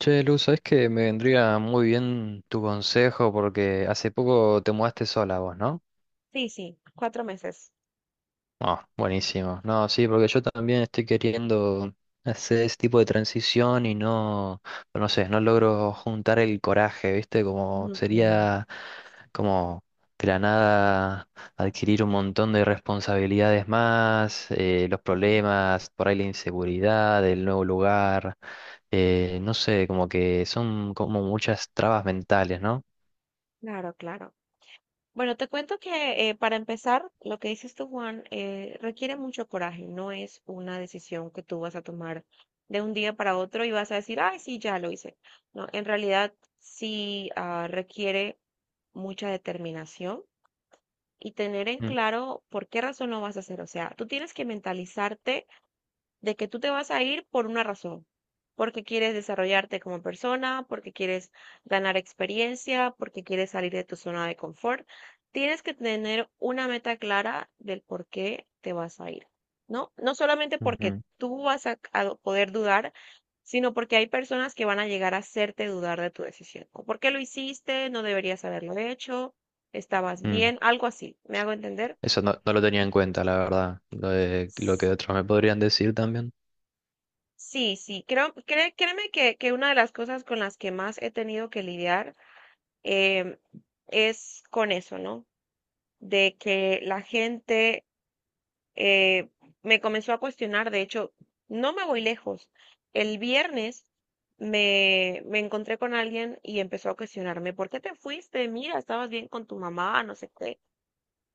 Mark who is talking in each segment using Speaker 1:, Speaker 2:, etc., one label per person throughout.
Speaker 1: Che, Luz, sabes que me vendría muy bien tu consejo porque hace poco te mudaste sola vos, ¿no?
Speaker 2: Sí, sí, cuatro meses.
Speaker 1: Ah, buenísimo. No, sí, porque yo también estoy queriendo hacer ese tipo de transición y no, no sé, no logro juntar el coraje, ¿viste? Como
Speaker 2: Ok.
Speaker 1: sería como de la nada adquirir un montón de responsabilidades más, los
Speaker 2: Mm.
Speaker 1: problemas, por ahí la inseguridad, el nuevo lugar, no sé, como que son como muchas trabas mentales, ¿no?
Speaker 2: Claro, claro. Bueno, te cuento que para empezar, lo que dices tú, Juan, requiere mucho coraje. No es una decisión que tú vas a tomar de un día para otro y vas a decir, ay, sí, ya lo hice. No, en realidad sí, requiere mucha determinación y tener en
Speaker 1: Mm.
Speaker 2: claro por qué razón lo vas a hacer. O sea, tú tienes que mentalizarte de que tú te vas a ir por una razón, porque quieres desarrollarte como persona, porque quieres ganar experiencia, porque quieres salir de tu zona de confort. Tienes que tener una meta clara del por qué te vas a ir, ¿no? No solamente porque
Speaker 1: Ujú.
Speaker 2: tú vas a poder dudar, sino porque hay personas que van a llegar a hacerte dudar de tu decisión. O por qué lo hiciste, no deberías haberlo hecho, estabas
Speaker 1: Mm.
Speaker 2: bien, algo así. ¿Me hago entender?
Speaker 1: Eso no lo tenía en cuenta, la verdad. Lo que otros me podrían decir también.
Speaker 2: Sí, sí, créeme que una de las cosas con las que más he tenido que lidiar em, es con eso, ¿no? De que la gente eh, me comenzó a cuestionar. De hecho, no me voy lejos. El viernes me encontré con alguien y empezó a cuestionarme, ¿por qué te fuiste? Mira, estabas bien con tu mamá, no sé qué.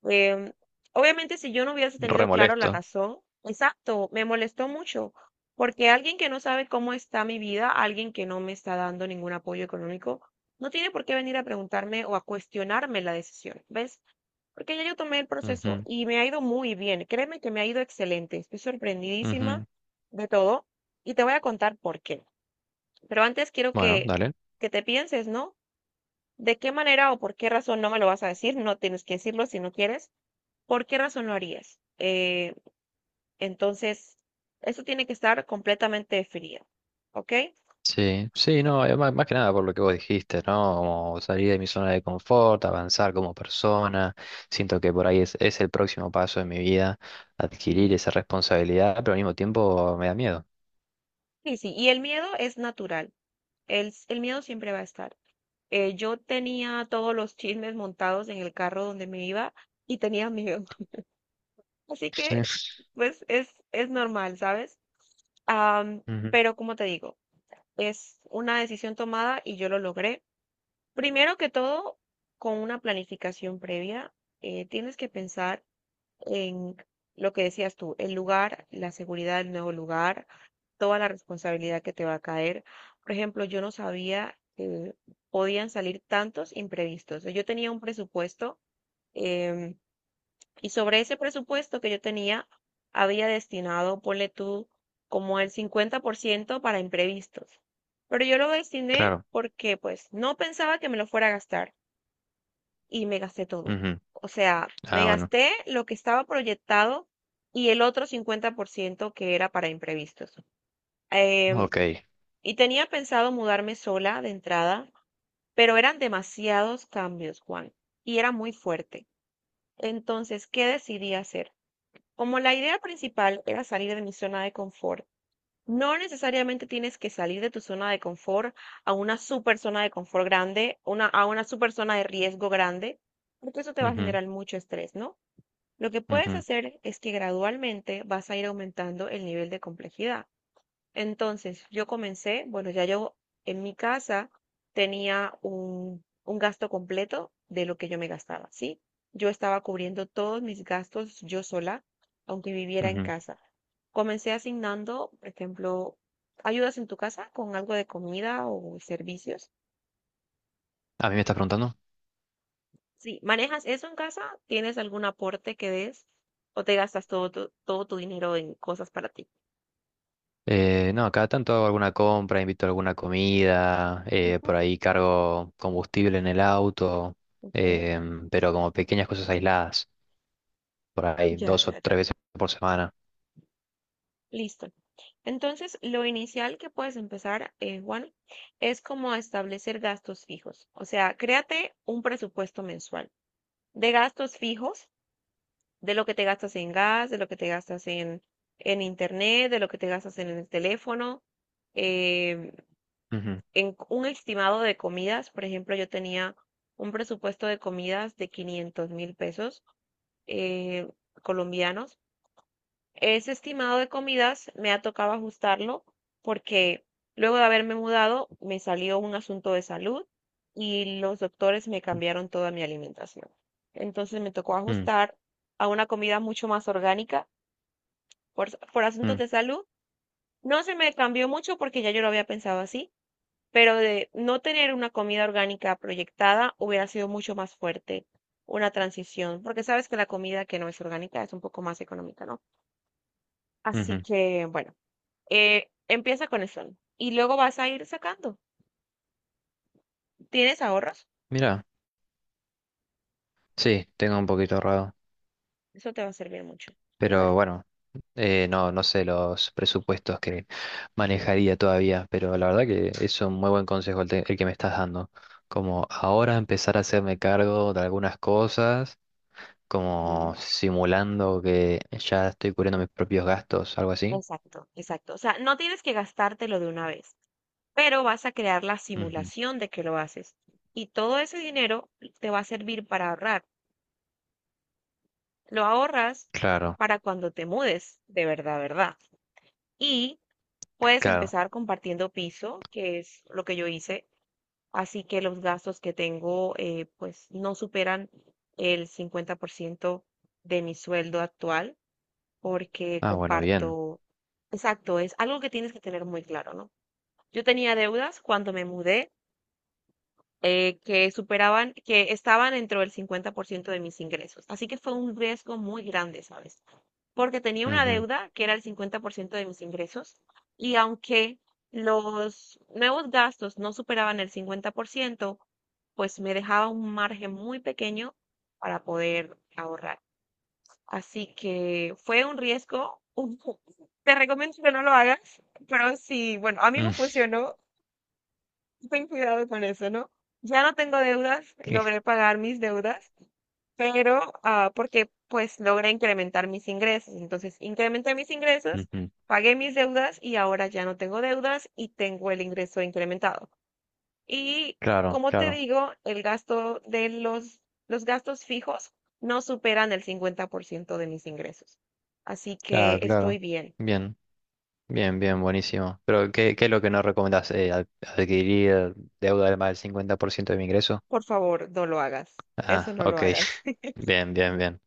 Speaker 2: Em, Obviamente, si yo no hubiese
Speaker 1: Re
Speaker 2: tenido claro la
Speaker 1: molesto.
Speaker 2: razón, exacto, me molestó mucho, porque alguien que no sabe cómo está mi vida, alguien que no me está dando ningún apoyo económico, no tiene por qué venir a preguntarme o a cuestionarme la decisión, ¿ves? Porque ya yo tomé el proceso
Speaker 1: Ujú,
Speaker 2: y me ha ido muy bien, créeme que me ha ido excelente, estoy sorprendidísima
Speaker 1: ujú.
Speaker 2: de todo, y te voy a contar por qué. Pero antes quiero
Speaker 1: Bueno, dale.
Speaker 2: que te pienses, ¿no? ¿De qué manera o por qué razón no me lo vas a decir? No tienes que decirlo si no quieres. ¿Por qué razón lo harías? Entonces, eso tiene que estar completamente definido, ¿ok?
Speaker 1: Sí, sí, no, más que nada por lo que vos dijiste, ¿no? Como salir de mi zona de confort, avanzar como persona. Siento que por ahí es el próximo paso de mi vida, adquirir
Speaker 2: Sí.
Speaker 1: esa responsabilidad, pero al mismo tiempo me da miedo.
Speaker 2: Sí, sí, y el miedo es natural. El miedo siempre va a estar. Yo tenía todos los chismes montados en el carro donde me iba y tenía miedo, así que
Speaker 1: Sí.
Speaker 2: pues es normal, ¿sabes? Am,
Speaker 1: Ujú.
Speaker 2: pero como te digo, es una decisión tomada y yo lo logré. Primero que todo, con una planificación previa. Tienes que pensar en lo que decías tú, el lugar, la seguridad del nuevo lugar, toda la responsabilidad que te va a caer. Por ejemplo, yo no sabía que podían salir tantos imprevistos. Yo tenía un presupuesto, em, y sobre ese presupuesto que yo tenía, había destinado, ponle tú, como el 50% para imprevistos. Pero yo lo destiné
Speaker 1: Claro.
Speaker 2: porque pues no pensaba que me lo fuera a gastar, y me gasté todo.
Speaker 1: Ujú.
Speaker 2: O sea, me
Speaker 1: Ah, bueno.
Speaker 2: gasté lo que estaba proyectado y el otro 50% que era para imprevistos. Em,
Speaker 1: Ok.
Speaker 2: y tenía pensado mudarme sola de entrada, pero eran demasiados cambios, Juan, y era muy fuerte. Entonces, ¿qué decidí hacer? Como la idea principal era salir de mi zona de confort, no necesariamente tienes que salir de tu zona de confort a una super zona de confort grande, a una super zona de riesgo grande, porque eso te va a
Speaker 1: Ujú,
Speaker 2: generar mucho estrés, ¿no? Lo que puedes
Speaker 1: ujú,
Speaker 2: hacer es que gradualmente vas a ir aumentando el nivel de complejidad. Entonces, yo comencé, bueno, ya yo en mi casa tenía un gasto completo de lo que yo me gastaba, ¿sí? Yo estaba cubriendo todos mis gastos yo sola, aunque viviera en
Speaker 1: ujú.
Speaker 2: casa. Comencé asignando, por ejemplo, ayudas en tu casa con algo de comida o servicios.
Speaker 1: ¿A mí me estás preguntando?
Speaker 2: Si manejas eso en casa, ¿tienes algún aporte que des o te gastas todo tu dinero en cosas para ti?
Speaker 1: No, cada tanto hago alguna compra, invito a alguna comida,
Speaker 2: Ujú,
Speaker 1: por ahí cargo combustible en el auto,
Speaker 2: ok.
Speaker 1: pero como pequeñas cosas aisladas, por ahí
Speaker 2: Ya,
Speaker 1: dos o
Speaker 2: ya, ya.
Speaker 1: tres veces por semana.
Speaker 2: Listo. Entonces, lo inicial que puedes empezar, Juan, es como establecer gastos fijos. O sea, créate un presupuesto mensual de gastos fijos, de lo que te gastas en gas, de lo que te gastas en internet, de lo que te gastas en el teléfono, eh,
Speaker 1: Ujú,
Speaker 2: en un estimado de comidas. Por ejemplo, yo tenía un presupuesto de comidas de 500.000 pesos eh, colombianos. Ese estimado de comidas me ha tocado ajustarlo porque luego de haberme mudado me salió un asunto de salud y los doctores me cambiaron toda mi alimentación. Entonces me tocó
Speaker 1: mm,
Speaker 2: ajustar a una comida mucho más orgánica por
Speaker 1: mm,
Speaker 2: asuntos
Speaker 1: mm,
Speaker 2: de salud. No se me cambió mucho porque ya yo lo había pensado así, pero de no tener una comida orgánica proyectada hubiera sido mucho más fuerte una transición, porque sabes que la comida que no es orgánica es un poco más económica, ¿no? Así
Speaker 1: ujú.
Speaker 2: que, bueno. Empieza con eso, ¿no? Y luego vas a ir sacando. ¿Tienes ahorros?
Speaker 1: Mira, sí, tengo un poquito ahorrado.
Speaker 2: Eso te va a servir mucho, la
Speaker 1: Pero
Speaker 2: verdad.
Speaker 1: bueno, no, no sé los presupuestos que manejaría todavía, pero la verdad que es un muy buen consejo el que me estás dando. Como ahora empezar a hacerme cargo de algunas cosas, como
Speaker 2: Mm.
Speaker 1: simulando que ya estoy cubriendo mis propios gastos, algo así.
Speaker 2: Exacto, exacto. O sea, no tienes que gastártelo de una vez, pero vas a crear la
Speaker 1: Ujú.
Speaker 2: simulación de que lo haces. Y todo ese dinero te va a servir para ahorrar. Lo ahorras
Speaker 1: Claro,
Speaker 2: para cuando te mudes, de verdad, verdad. Y puedes
Speaker 1: claro.
Speaker 2: empezar compartiendo piso, que es lo que yo hice. Así que los gastos que tengo, pues no superan el 50% de mi sueldo actual porque
Speaker 1: Ah, bueno, bien.
Speaker 2: comparto, exacto, es algo que tienes que tener muy claro, ¿no? Yo tenía deudas cuando me mudé, que superaban, que estaban dentro del 50% de mis ingresos. Así que fue un riesgo muy grande, ¿sabes? Porque tenía una
Speaker 1: Ujú,
Speaker 2: deuda que era el 50% de mis ingresos, y aunque los nuevos gastos no superaban el 50%, pues me dejaba un margen muy pequeño para poder ahorrar. Así que fue un riesgo. Te recomiendo que no lo hagas, pero sí, bueno, a mí
Speaker 1: mm,
Speaker 2: me funcionó. Ten cuidado con eso, ¿no? Ya no tengo deudas, logré pagar mis deudas, pero porque pues logré incrementar mis ingresos. Entonces, incrementé mis ingresos,
Speaker 1: ujú.
Speaker 2: pagué mis deudas y ahora ya no tengo deudas y tengo el ingreso incrementado. Y
Speaker 1: Claro,
Speaker 2: como te
Speaker 1: claro,
Speaker 2: digo, el gasto de los gastos fijos no superan el 50% de mis ingresos. Así que
Speaker 1: claro,
Speaker 2: estoy
Speaker 1: claro.
Speaker 2: bien.
Speaker 1: Bien. Bien, bien, buenísimo. Pero, ¿qué es lo que nos recomendás? ¿Adquirir deuda de más del 50% de mi ingreso?
Speaker 2: Por favor, no lo hagas. Eso
Speaker 1: Ah,
Speaker 2: no lo
Speaker 1: ok.
Speaker 2: hagas.
Speaker 1: Bien, bien, bien.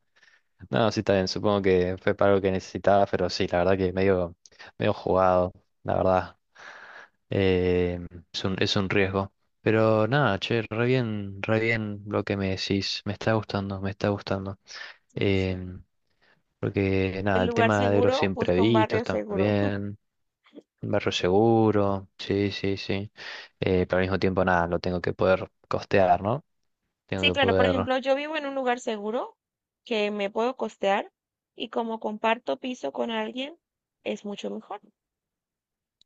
Speaker 1: No, sí, está bien. Supongo que fue para algo que necesitaba, pero sí, la verdad que medio jugado, la verdad. Eh, es es un riesgo. Pero nada, che, re bien lo que me decís. Me está gustando, me está gustando.
Speaker 2: Sí, sí.
Speaker 1: Em, Porque nada,
Speaker 2: El
Speaker 1: el
Speaker 2: lugar
Speaker 1: tema de los
Speaker 2: seguro, busca un
Speaker 1: imprevistos
Speaker 2: barrio seguro.
Speaker 1: también. Un barrio seguro, sí, sí, sí. Pero al mismo tiempo, nada, lo tengo que poder costear, ¿no?
Speaker 2: Sí,
Speaker 1: Tengo que
Speaker 2: claro, por
Speaker 1: poder.
Speaker 2: ejemplo, yo vivo en un lugar seguro que me puedo costear, y como comparto piso con alguien, es mucho mejor.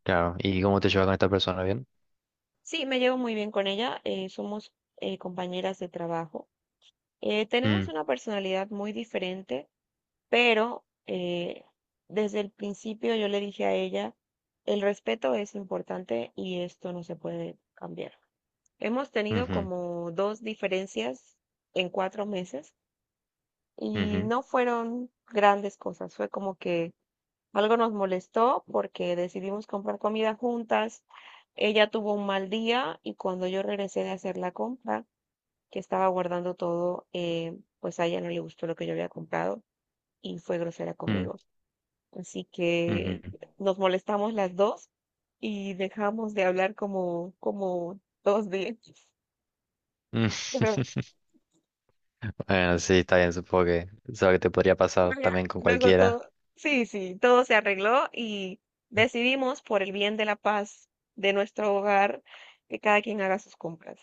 Speaker 1: Claro. ¿Y cómo te llevas con esta persona? ¿Bien?
Speaker 2: Sí, me llevo muy bien con ella, somos compañeras de trabajo. Tenemos
Speaker 1: Mm,
Speaker 2: una personalidad muy diferente, pero desde el principio yo le dije a ella, el respeto es importante y esto no se puede cambiar. Hemos tenido
Speaker 1: ujú,
Speaker 2: como dos diferencias en cuatro meses. Y
Speaker 1: ujú,
Speaker 2: no fueron grandes cosas, fue como que algo nos molestó porque decidimos comprar comida juntas. Ella tuvo un mal día y cuando yo regresé de hacer la compra, que estaba guardando todo, pues a ella no le gustó lo que yo había comprado y fue grosera
Speaker 1: mm,
Speaker 2: conmigo. Así que
Speaker 1: ujú,
Speaker 2: nos molestamos las dos y dejamos de hablar como dos días.
Speaker 1: mm.
Speaker 2: Pero
Speaker 1: Bueno, sí, está bien, supongo que es algo que te podría pasar
Speaker 2: por allá.
Speaker 1: también con
Speaker 2: Luego
Speaker 1: cualquiera.
Speaker 2: todo, sí, sí, todo se arregló y decidimos por el bien de la paz de nuestro hogar que cada quien haga sus compras.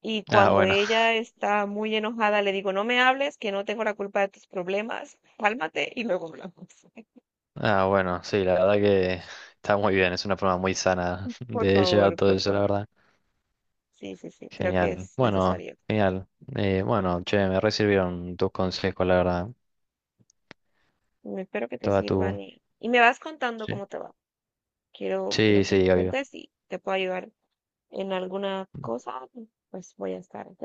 Speaker 2: Y
Speaker 1: Ah,
Speaker 2: cuando
Speaker 1: bueno.
Speaker 2: ella está muy enojada, le digo, no me hables, que no tengo la culpa de tus problemas, cálmate y luego hablamos.
Speaker 1: Ah, bueno, sí, la verdad que está muy bien, es una forma muy sana
Speaker 2: Por
Speaker 1: de llevar
Speaker 2: favor,
Speaker 1: todo
Speaker 2: por
Speaker 1: eso, la
Speaker 2: favor.
Speaker 1: verdad.
Speaker 2: Sí, sí, sí, creo que
Speaker 1: Genial.
Speaker 2: es
Speaker 1: Bueno,
Speaker 2: necesario.
Speaker 1: genial. Bueno, che, me re sirvieron tus consejos, la verdad.
Speaker 2: Mm. Espero que te
Speaker 1: Toda
Speaker 2: sirvan
Speaker 1: tu...
Speaker 2: y me vas contando
Speaker 1: Sí.
Speaker 2: cómo te va. Quiero, quiero
Speaker 1: Sí,
Speaker 2: que
Speaker 1: sí,
Speaker 2: me
Speaker 1: obvio.
Speaker 2: cuentes si te puedo ayudar en alguna cosa, pues voy a estar, ¿ok?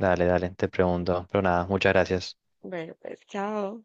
Speaker 1: Dale, dale, te pregunto. Pero nada, muchas gracias.
Speaker 2: Bueno, pues chao.